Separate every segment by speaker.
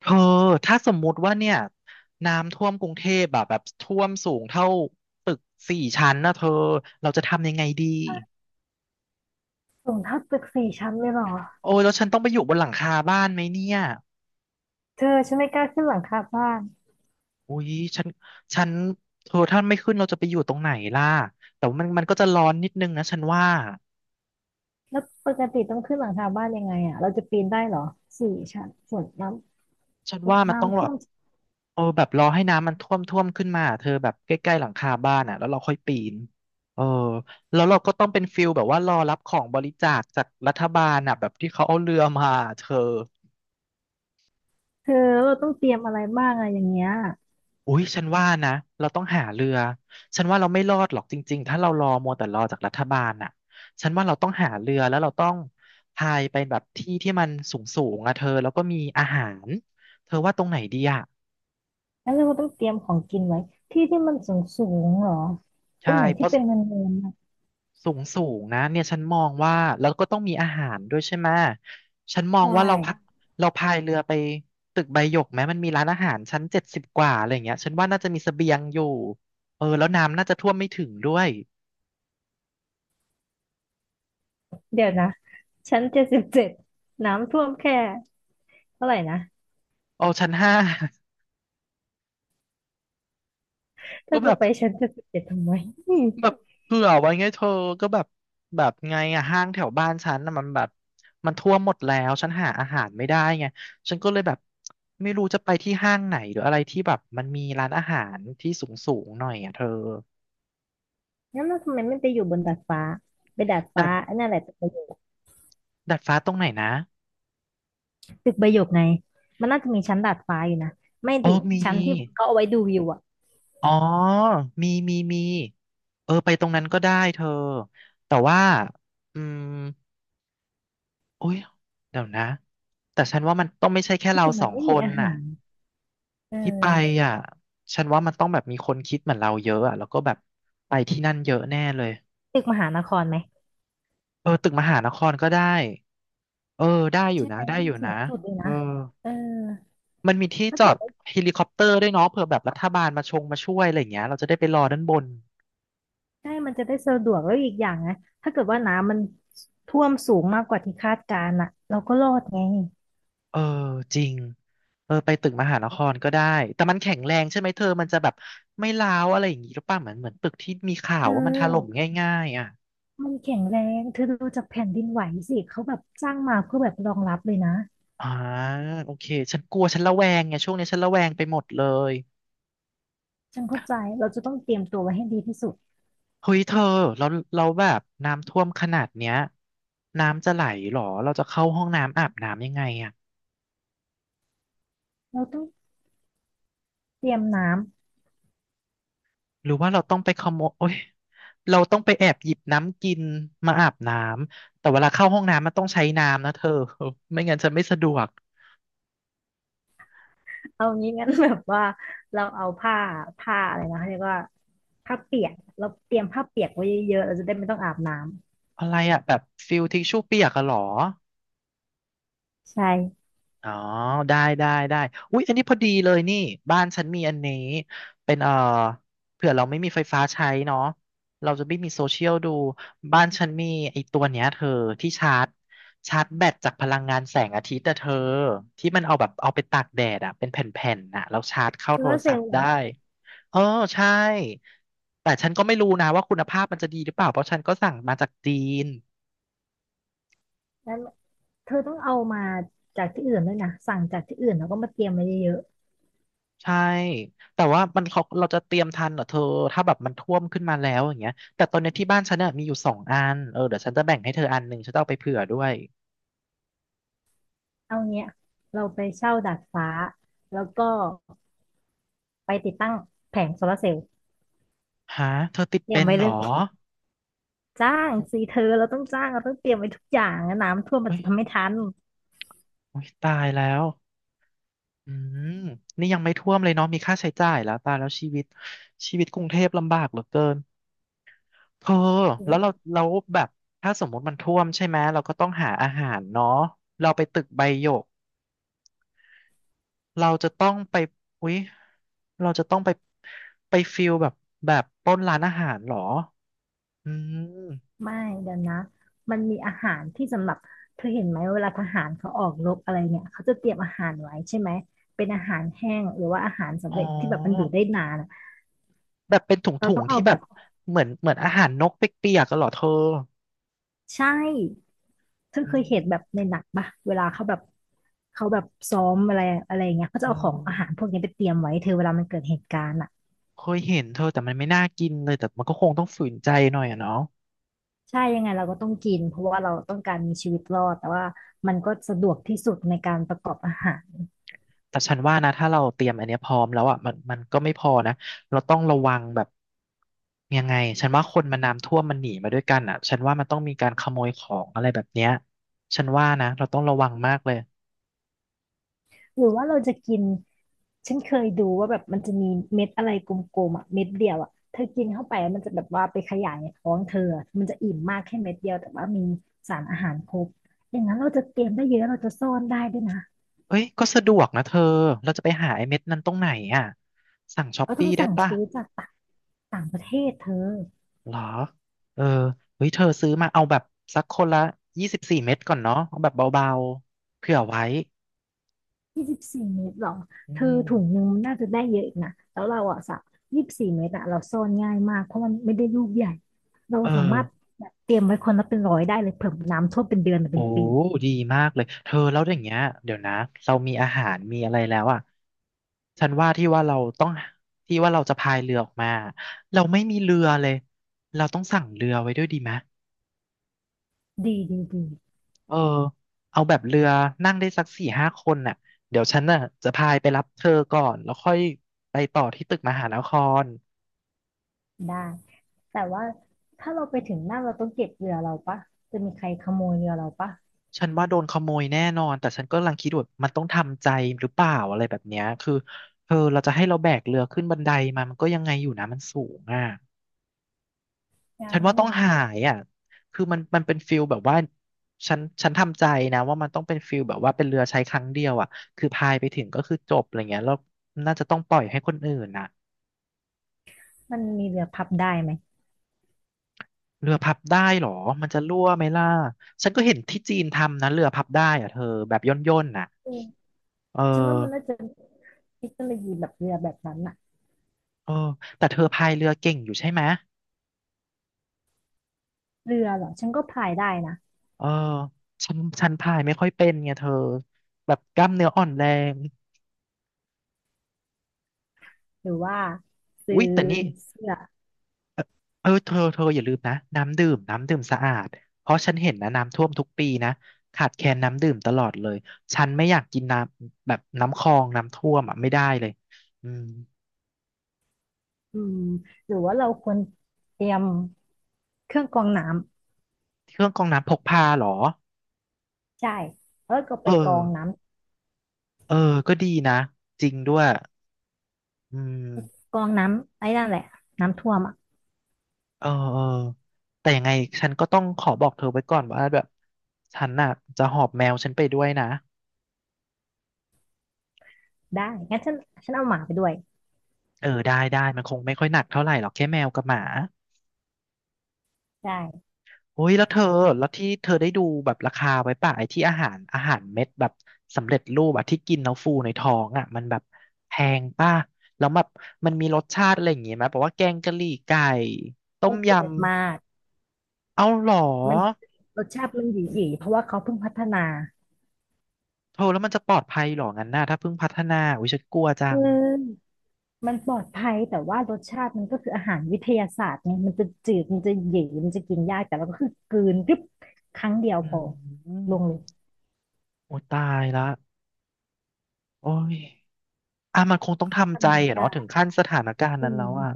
Speaker 1: เธอถ้าสมมุติว่าเนี่ยน้ำท่วมกรุงเทพแบบท่วมสูงเท่าตึกสี่ชั้นนะเธอเราจะทำยังไงดี
Speaker 2: สูงเท่าตึกสี่ชั้นเลยเหรอ
Speaker 1: โอ้ยแล้วฉันต้องไปอยู่บนหลังคาบ้านไหมเนี่ย
Speaker 2: เธอฉันไม่กล้าขึ้นหลังคาบ้าน
Speaker 1: อุ้ยฉันฉันเธอถ้าไม่ขึ้นเราจะไปอยู่ตรงไหนล่ะแต่ว่ามันก็จะร้อนนิดนึงนะฉันว่า
Speaker 2: แล้วปกติต้องขึ้นหลังคาบ้านยังไงอ่ะเราจะปีนได้เหรอสี่ชั้นฝนน้
Speaker 1: ฉันว่า
Speaker 2: ำ
Speaker 1: มันต้อง
Speaker 2: น้ำ
Speaker 1: แบ
Speaker 2: ท่
Speaker 1: บ
Speaker 2: วม
Speaker 1: เออแบบรอให้น้ำมันท่วมขึ้นมาเธอแบบใกล้ๆหลังคาบ้านอ่ะแล้วเราค่อยปีนเออแล้วเราก็ต้องเป็นฟิลแบบว่ารอรับของบริจาคจากรัฐบาลอ่ะแบบที่เขาเอาเรือมาเธอ
Speaker 2: เธอเราต้องเตรียมอะไรบ้างอะอย่างเงี้ย
Speaker 1: อุ้ยฉันว่านะเราต้องหาเรือฉันว่าเราไม่รอดหรอกจริงๆถ้าเรารอมัวแต่รอจากรัฐบาลน่ะฉันว่าเราต้องหาเรือแล้วเราต้องพายไปแบบที่ที่มันสูงสูงอะเธอแล้วก็มีอาหารเธอว่าตรงไหนดีอะ
Speaker 2: แล้วเราต้องเตรียมของกินไว้ที่ที่มันสูงสูงเหรอตร
Speaker 1: ใช่
Speaker 2: งไหน
Speaker 1: เพ
Speaker 2: ที่
Speaker 1: ราะ
Speaker 2: เป็นเนินๆนะ
Speaker 1: สูงสูงนะเนี่ยฉันมองว่าแล้วก็ต้องมีอาหารด้วยใช่ไหมฉันมอง
Speaker 2: ใช่
Speaker 1: ว่าเราพักเราพายเรือไปตึกใบหยกไหมมันมีร้านอาหารชั้น70กว่าอะไรอย่างเงี้ยฉันว่าน่าจะมีเสบียงอยู่เออแล้วน้ำน่าจะท่วมไม่ถึงด้วย
Speaker 2: เดี๋ยวนะชั้นเจ็ดสิบเจ็ดน้ำท่วมแค่เท่าไหร่นะ
Speaker 1: เอาชั้นห้า ก็
Speaker 2: ถ้า
Speaker 1: แบ
Speaker 2: จะ
Speaker 1: บ
Speaker 2: ไปชั้นเจ็ดสิบเจ็ดทำไม
Speaker 1: แบบเผื่อไว้ไงเธอก็แบบแบบไงอะห้างแถวบ้านฉันน่ะมันแบบมันท่วมหมดแล้วฉันหาอาหารไม่ได้ไงฉันก็เลยแบบไม่รู้จะไปที่ห้างไหนหรืออะไรที่แบบมันมีร้านอาหารที่สูงสูงหน่อยอ่ะเธอ
Speaker 2: งั้นเราทำไมไม่ไปอยู่บนดาดฟ้าไปดาด
Speaker 1: ดา
Speaker 2: ฟ้า
Speaker 1: ด
Speaker 2: อันนั่นแหละจะไป
Speaker 1: ดาดฟ้าตรงไหนนะ
Speaker 2: ตึกใบหยกไง มันน่าจะมีชั้นดาดฟ้าอยู่นะ ไม่
Speaker 1: โอ้
Speaker 2: ดิ
Speaker 1: มี
Speaker 2: ชั้นที่เขาเอาไว้ดูวิวอ่ะ
Speaker 1: อ๋อมี เออไปตรงนั้นก็ได้เธอ แต่ว่าอืมโอ้ยเดี๋ยวนะแต่ฉันว่ามันต้องไม่ใช่แค่
Speaker 2: ที่
Speaker 1: เรา
Speaker 2: แต่
Speaker 1: ส
Speaker 2: มั
Speaker 1: อ
Speaker 2: น
Speaker 1: ง
Speaker 2: ไม่
Speaker 1: ค
Speaker 2: มี
Speaker 1: น
Speaker 2: อา
Speaker 1: น่ะ
Speaker 2: หารเ
Speaker 1: ที่ไป
Speaker 2: ออ
Speaker 1: อ่ะฉันว่ามันต้องแบบมีคนคิดเหมือนเราเยอะอ่ะแล้วก็แบบไปที่นั่นเยอะแน่เลย
Speaker 2: ตึกมหานครไหม
Speaker 1: เออตึกมหานครก็ได้ เออได้อยู่
Speaker 2: ใช่ไห
Speaker 1: นะ
Speaker 2: ม
Speaker 1: ได้อยู่
Speaker 2: สู
Speaker 1: นะ
Speaker 2: งสุดเลย
Speaker 1: เอ
Speaker 2: นะ
Speaker 1: อ
Speaker 2: เออ
Speaker 1: มันมีที่
Speaker 2: ถ้า
Speaker 1: จ
Speaker 2: เกิ
Speaker 1: อ
Speaker 2: ด
Speaker 1: ด
Speaker 2: ว่า
Speaker 1: เฮลิคอปเตอร์ด้วยเนาะเผื่อแบบรัฐบาลมาช่วยอะไรอย่างเงี้ยเราจะได้ไปรอด้านบน
Speaker 2: ใช่มันจะได้สะดวกแล้วอีกอย่างนะถ้าเกิดว่าน้ำมันท่วมสูงมากกว่าที่คาดการณ์อ่ะเราก็รอดไง
Speaker 1: เออจริงเออไปตึกมหานครก็ได้แต่มันแข็งแรงใช่ไหมเธอมันจะแบบไม่ร้าวอะไรอย่างงี้หรือเปล่าเหมือนตึกที่มีข่า
Speaker 2: เธ
Speaker 1: วว่ามันถล่ม
Speaker 2: อ
Speaker 1: ง่ายๆอ่ะ
Speaker 2: มันแข็งแรงเธอดูจากแผ่นดินไหวสิ เขาแบบสร้างมาเพื่อแบบรองรับเลยนะ
Speaker 1: อ่าโอเคฉันกลัวฉันระแวงไงช่วงนี้ฉันระแวงไปหมดเลย
Speaker 2: ฉันเข้าใจเราจะต้องเตรียมตัวไว้ให้ดีที่สุด
Speaker 1: เฮ้ยเธอเราเราแบบน้ำท่วมขนาดเนี้ยน้ำจะไหลเหรอเราจะเข้าห้องน้ำอาบน้ำยังไงอ่ะ
Speaker 2: เราต้องเตรียมน้ำ
Speaker 1: หรือว่าเราต้องไปขโมยโอ้ยเราต้องไปแอบหยิบน้ำกินมาอาบน้ำแต่เวลาเข้าห้องน้ำมันต้องใช้น้ำนะเธอ ไม่งั้นฉันไม่สะดวก
Speaker 2: เอางี้งั้นแบบว่าเราเอาผ้าอะไรนะเขาเรียกว่าผ้าเปียกเราเตรียมผ้าเปียกไว้เยอะๆเราจะได้ไม่ต้องอาบน้
Speaker 1: อะไรอ่ะแบบฟิลทิชชู่เปียกอะเหรอ
Speaker 2: ำใช่
Speaker 1: อ๋อได้ได้ได้อุ๊ยอันนี้พอดีเลยนี่บ้านฉันมีอันนี้เป็นเผื่อเราไม่มีไฟฟ้าใช้เนาะเราจะไม่มีโซเชียลดูบ้านฉันมีไอ้ตัวเนี้ยเธอที่ชาร์จแบตจากพลังงานแสงอาทิตย์แต่เธอที่มันเอาแบบเอาไปตากแดดอะเป็นแผ่นๆน่ะแล้วชาร์จเข้า
Speaker 2: โซ
Speaker 1: โท
Speaker 2: ลา
Speaker 1: ร
Speaker 2: ร์เซ
Speaker 1: ศั
Speaker 2: ล
Speaker 1: พ
Speaker 2: ล์
Speaker 1: ท์
Speaker 2: อย่า
Speaker 1: ได้
Speaker 2: ง
Speaker 1: เออใช่แต่ฉันก็ไม่รู้นะว่าคุณภาพมันจะดีหรือเปล่าเพราะฉันก็สั่งมาจากจีน
Speaker 2: นั้นเธอต้องเอามาจากที่อื่นด้วยนะสั่งจากที่อื่นแล้วก็มาเตรียมไว้เยอะ
Speaker 1: ใช่แต่ว่ามันเขาเราจะเตรียมทันเหรอเธอถ้าแบบมันท่วมขึ้นมาแล้วอย่างเงี้ยแต่ตอนเนี้ยที่บ้านฉันเน่ยมีอยู่สองอันเออเดี๋ยวฉันจะแบ่งให้เธออันหนึ่งฉันจะเอาไปเผื่อด้วย
Speaker 2: ๆเอาเงี้ยเราไปเช่าดาดฟ้าแล้วก็ไปติดตั้งแผงโซลาร์เซลล์
Speaker 1: ฮะเธอติด
Speaker 2: เตรีย
Speaker 1: เป็
Speaker 2: ม
Speaker 1: น
Speaker 2: ไว้
Speaker 1: เหร
Speaker 2: เล
Speaker 1: อ
Speaker 2: ย จ้างสิเธอเราต้องจ้างเราต้องเตรียมไว้ทุกอย่างนะน้ำท่วมมัน
Speaker 1: เฮ้ย
Speaker 2: จะทำไม่ทัน
Speaker 1: โอ้ยตายแล้วอืมนี่ยังไม่ท่วมเลยเนาะมีค่าใช้จ่ายแล้วตายแล้วชีวิตกรุงเทพลำบากเหลือเกินเธอแล้วเราแบบถ้าสมมติมันท่วมใช่ไหมเราก็ต้องหาอาหารเนาะเราไปตึกใบหยก เราจะต้องไปอุ๊ยเราจะต้องไปไปฟิลแบบแบบปล้นร้านอาหารเหรออืม
Speaker 2: ไม่เดี๋ยวนะ มันมีอาหารที่สำหรับเธอเห็นไหมเวลาทหารเขาออกรบอะไรเนี่ยเขาจะเตรียมอาหารไว้ใช่ไหมเป็นอาหารแห้งหรือว่าอาหาร
Speaker 1: อ๋
Speaker 2: สำ
Speaker 1: อ
Speaker 2: เร็จที่แบบมันอยู่ได้นานอะ
Speaker 1: แบบเป็นถ
Speaker 2: เรา
Speaker 1: ุง
Speaker 2: ต้อง
Speaker 1: ๆ
Speaker 2: เอา
Speaker 1: ที่แบ
Speaker 2: แบ
Speaker 1: บ
Speaker 2: บ
Speaker 1: เหมือนอาหารนกเปียกๆกันเหรอเธอ
Speaker 2: ใช่เธอ
Speaker 1: อื
Speaker 2: เคยเห็นแบบใน
Speaker 1: ม
Speaker 2: หนังปะเวลาเขาแบบเขาแบบซ้อมอะไรอะไรอย่างเงี้ยเขา
Speaker 1: เอ
Speaker 2: จะเอาของอาหาร
Speaker 1: อ
Speaker 2: พวกนี้ไปเตรียมไว้เธอเวลามันเกิดเหตุการณ์อ่ะ
Speaker 1: เคยเห็นเธอแต่มันไม่น่ากินเลยแต่มันก็คงต้องฝืนใจหน่อยอะเนาะ
Speaker 2: ใช่ยังไงเราก็ต้องกินเพราะว่าเราต้องการมีชีวิตรอดแต่ว่ามันก็สะดวกที่สุดในการประกอบอาหาร
Speaker 1: แต่ฉันว่านะถ้าเราเตรียมอันเนี้ยพร้อมแล้วอ่ะมันก็ไม่พอนะเราต้องระวังแบบยังไงฉันว่าคนมันน้ำท่วมมันหนีมาด้วยกันอ่ะฉันว่ามันต้องมีการขโมยของอะไรแบบเนี้ยฉันว่านะเราต้องระวังมากเลย
Speaker 2: หรือว่าเราจะกิน ฉันเคยดูว่าแบบมันจะมีเม็ดอะไรกลมๆอ่ะเม็ดเดียวอ่ะเธอกินเข้าไปแล้วมันจะแบบว่าไปขยายในท้องเธออะมันจะอิ่มมากแค่เม็ดเดียวแต่ว่ามีสารอาหารครบอย่างนั้นเราจะเตรียมได้เยอะเราจะซ่อนได้ด้วยนะ
Speaker 1: เอ้ยก็สะดวกนะเธอเราจะไปหาไอ้เม็ดนั้นตรงไหนอ่ะสั่งช้อป
Speaker 2: เราต้อ
Speaker 1: ปี้
Speaker 2: ง
Speaker 1: ได้
Speaker 2: สั่ง
Speaker 1: ปะ
Speaker 2: ซื้อจากต่างต่างประเทศเธอ
Speaker 1: เหรอเออเฮ้ยเธอซื้อมาเอาแบบสักคนละ24เม็ดก่อนเนาะเอาแบบเบาๆเผื่อไว้
Speaker 2: ยี่สิบสี่เม็ดหรอ
Speaker 1: อื
Speaker 2: เธอ
Speaker 1: ม
Speaker 2: ถุงนึงน่าจะได้เยอะอีกนะแล้วเราอ่ะสักยี่สิบสี่เม็ดอ่ะเราซ่อนง่ายมากเพราะมันไม่ได้ลูกใหญ่เรา
Speaker 1: เอ
Speaker 2: สามารถ
Speaker 1: อ
Speaker 2: แบบเตรียมไว้คนละเป็นร้อยได้เลยเผื่อน้ำท่วมเป็นเดือนหรือ
Speaker 1: โอ้
Speaker 2: เป็นปี
Speaker 1: ดีมากเลยเธอแล้วอย่างเงี้ยเดี๋ยวนะเรามีอาหารมีอะไรแล้วอ่ะฉันว่าที่ว่าเราต้องที่ว่าเราจะพายเรือออกมาเราไม่มีเรือเลยเราต้องสั่งเรือไว้ด้วยดีไหม
Speaker 2: ดีดีดี
Speaker 1: เออเอาแบบเรือนั่งได้สัก4-5คนน่ะเดี๋ยวฉันน่ะจะพายไปรับเธอก่อนแล้วค่อยไปต่อที่ตึกมหานคร
Speaker 2: ได้แต่ว่าถ้าเราไปถึงหน้าเราต้องเก็บเรือเราปะจะมีใครขโมยเรือเราปะ
Speaker 1: ฉันว่าโดนขโมยแน่นอนแต่ฉันก็กำลังคิดว่ามันต้องทำใจหรือเปล่าอะไรแบบเนี้ยคือเธอเราจะให้เราแบกเรือขึ้นบันไดมามันก็ยังไงอยู่นะมันสูงอ่ะฉั
Speaker 2: งั้
Speaker 1: น
Speaker 2: น
Speaker 1: ว่าต้องหายอ่ะคือมันเป็นฟิลแบบว่าฉันทำใจนะว่ามันต้องเป็นฟิลแบบว่าเป็นเรือใช้ครั้งเดียวอ่ะคือพายไปถึงก็คือจบอะไรเงี้ยแล้วน่าจะต้องปล่อยให้คนอื่นน่ะ
Speaker 2: มันมีเรือพับได้ไหม
Speaker 1: เรือพับได้เหรอมันจะรั่วไหมล่ะฉันก็เห็นที่จีนทำนะเรือพับได้อ่ะเธอแบบย่นๆน่ะ
Speaker 2: เออ
Speaker 1: เออ
Speaker 2: ฉันว่ามันน่าจะเทคโนโลยีแบบเรือแบบนั้นอะ
Speaker 1: เออแต่เธอพายเรือเก่งอยู่ใช่ไหม
Speaker 2: เรือเหรอฉันก็พายได้นะ
Speaker 1: เออฉันพายไม่ค่อยเป็นไงเธอแบบกล้ามเนื้ออ่อนแรง
Speaker 2: หรือว่าซื้
Speaker 1: อุ๊
Speaker 2: อ
Speaker 1: ยแต่นี่
Speaker 2: เสื้อ
Speaker 1: เออเธออย่าลืมนะน้ำดื่มน้ำดื่มสะอาดเพราะฉันเห็นนะน้ำท่วมทุกปีนะขาดแคลนน้ำดื่มตลอดเลยฉันไม่อยากกินน้ำแบบน้ำคลองน้ำท่วมอ่ะไม่ได้เลยอืม
Speaker 2: อืมหรือว่าเราควรเตรียมเครื่องกรองน้
Speaker 1: เครื่องกรองน้ำพกพาเหรอ
Speaker 2: ำใช่แล้วก็ไป
Speaker 1: เออ
Speaker 2: กรองน้
Speaker 1: เออก็ดีนะจริงด้วยอืม
Speaker 2: ำกรองน้ำไอ้นั่นแหละน้ำท่วมอะ
Speaker 1: เออเออแต่ยังไงฉันก็ต้องขอบอกเธอไว้ก่อนว่าแบบฉันน่ะจะหอบแมวฉันไปด้วยนะ
Speaker 2: ได้งั้นฉันเอาหมาไปด้วย
Speaker 1: เออได้ได้ มันคงไม่ค่อยหนักเท่าไหร่หรอกแค่แมวกับหมา
Speaker 2: ได้
Speaker 1: โอ้ยแล้วเธอ แล้วที่เธอได้ดูแบบราคาไว้ป่ะไอ้ที่อาหารเม็ดแบบสำเร็จรูปอะที่กินแล้วฟูในท้องอะมันแบบแพงป่ะแล้วแบบมันมีรสชาติอะไรอย่างงี้ไหมแบบว่าแกงกะหรี่ไก่ต้
Speaker 2: ฉั
Speaker 1: ม
Speaker 2: น
Speaker 1: ย
Speaker 2: เจืดมาก
Speaker 1: ำ เอาหรอ
Speaker 2: มันรสชาติมันหยีๆยเพราะว่าเขาเพิ่งพัฒนา
Speaker 1: เธอแล้วมันจะปลอดภัยหรองั้นน่ะถ้าเพิ่งพัฒนาอุ้ยฉันกลัวจั
Speaker 2: คื
Speaker 1: ง
Speaker 2: อมันปลอดภัยแต่ว่ารสชาติมันก็คืออาหารวิทยาศาสตร์ไงมันจะจืดมันจะเหยีมันจะกินยากแต่เราก็คือกลืนกรึบครั้งเดียว
Speaker 1: อื
Speaker 2: พอ
Speaker 1: ม
Speaker 2: ลงเลย
Speaker 1: โอ้ตายละโอ้ยอ่ะมันคงต้องทำใจ
Speaker 2: ทำไง
Speaker 1: อะเนาะถึ
Speaker 2: ได้
Speaker 1: งขั้นสถานการณ์
Speaker 2: อื
Speaker 1: นั้นแล้
Speaker 2: ม
Speaker 1: วอะ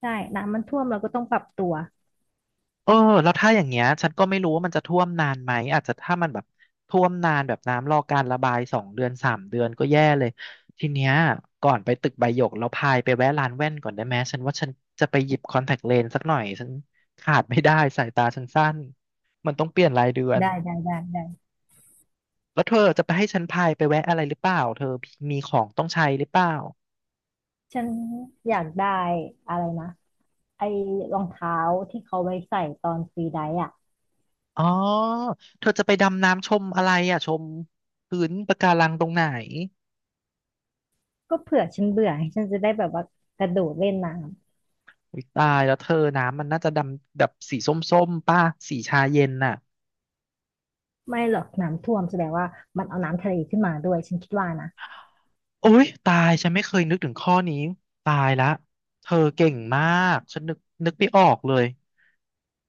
Speaker 2: ใช่ น้ำมันท่วมเราก็ต้องปรับตัว
Speaker 1: เออแล้วถ้าอย่างเงี้ยฉันก็ไม่รู้ว่ามันจะท่วมนานไหมอาจจะถ้ามันแบบท่วมนานแบบน้ำรอการระบาย2 เดือน 3 เดือนก็แย่เลยทีเนี้ยก่อนไปตึกใบหยกเราพายไปแวะร้านแว่นก่อนได้ไหมฉันว่าฉันจะไปหยิบคอนแทคเลนส์สักหน่อยฉันขาดไม่ได้สายตาฉันสั้นมันต้องเปลี่ยนรายเดือน
Speaker 2: ได้ได้ได้ได้
Speaker 1: แล้วเธอจะไปให้ฉันพายไปแวะอะไรหรือเปล่าเธอมีของต้องใช้หรือเปล่า
Speaker 2: ฉันอยากได้อะไรนะไอ้รองเท้าที่เขาไว้ใส่ตอนฟรีไดฟ์อ่ะ
Speaker 1: อ๋อเธอจะไปดำน้ำชมอะไรอ่ะชมพื้นปะการังตรงไหน
Speaker 2: ก็เผื่อฉันเบื่อให้ฉันจะได้แบบว่ากระโดดเล่นน้ำ
Speaker 1: อุ๊ยตายแล้วเธอน้ำมันน่าจะดำแบบสีส้มๆป่ะสีชาเย็นน่ะ
Speaker 2: ไม่หรอกน้ำท่วมแสดงว่ามันเอาน้ำทะเลขึ้นมาด้วยฉันคิดว่านะ
Speaker 1: โอ๊ยตายฉันไม่เคยนึกถึงข้อนี้ตายละเธอเก่งมากฉันนึกไม่ออกเลย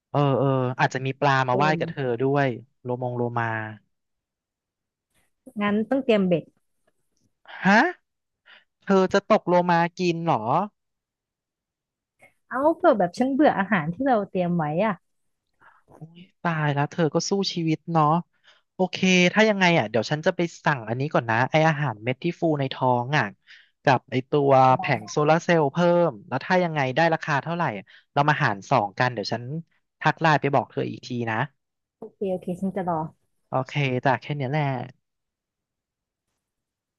Speaker 1: เออเอออาจจะมีปลามา
Speaker 2: เอ
Speaker 1: ว่ายกับเธอ
Speaker 2: อ
Speaker 1: ด้วยโลมงโลมา
Speaker 2: งั้นต้องเตรียมเบ็ด
Speaker 1: ฮะเธอจะตกโลมากินเหรอ
Speaker 2: เอาเผื่อแบบฉันเบื่ออาหารที่เราเตรียมไว้อะ
Speaker 1: อุ๊ยตายแล้วเธอก็สู้ชีวิตเนาะโอเคถ้ายังไงอ่ะเดี๋ยวฉันจะไปสั่งอันนี้ก่อนนะไออาหารเม็ดที่ฟูในท้องอ่ะกับไอตัวแผงโซลาร์เซลล์เพิ่มแล้วถ้ายังไงได้ราคาเท่าไหร่เรามาหารสองกันเดี๋ยวฉันทักไลน์ไปบอกเธออีกทีนะ
Speaker 2: โอเคโอเคฉันจะรอ
Speaker 1: โอเคจ้ะแค่เนี้ยแหละ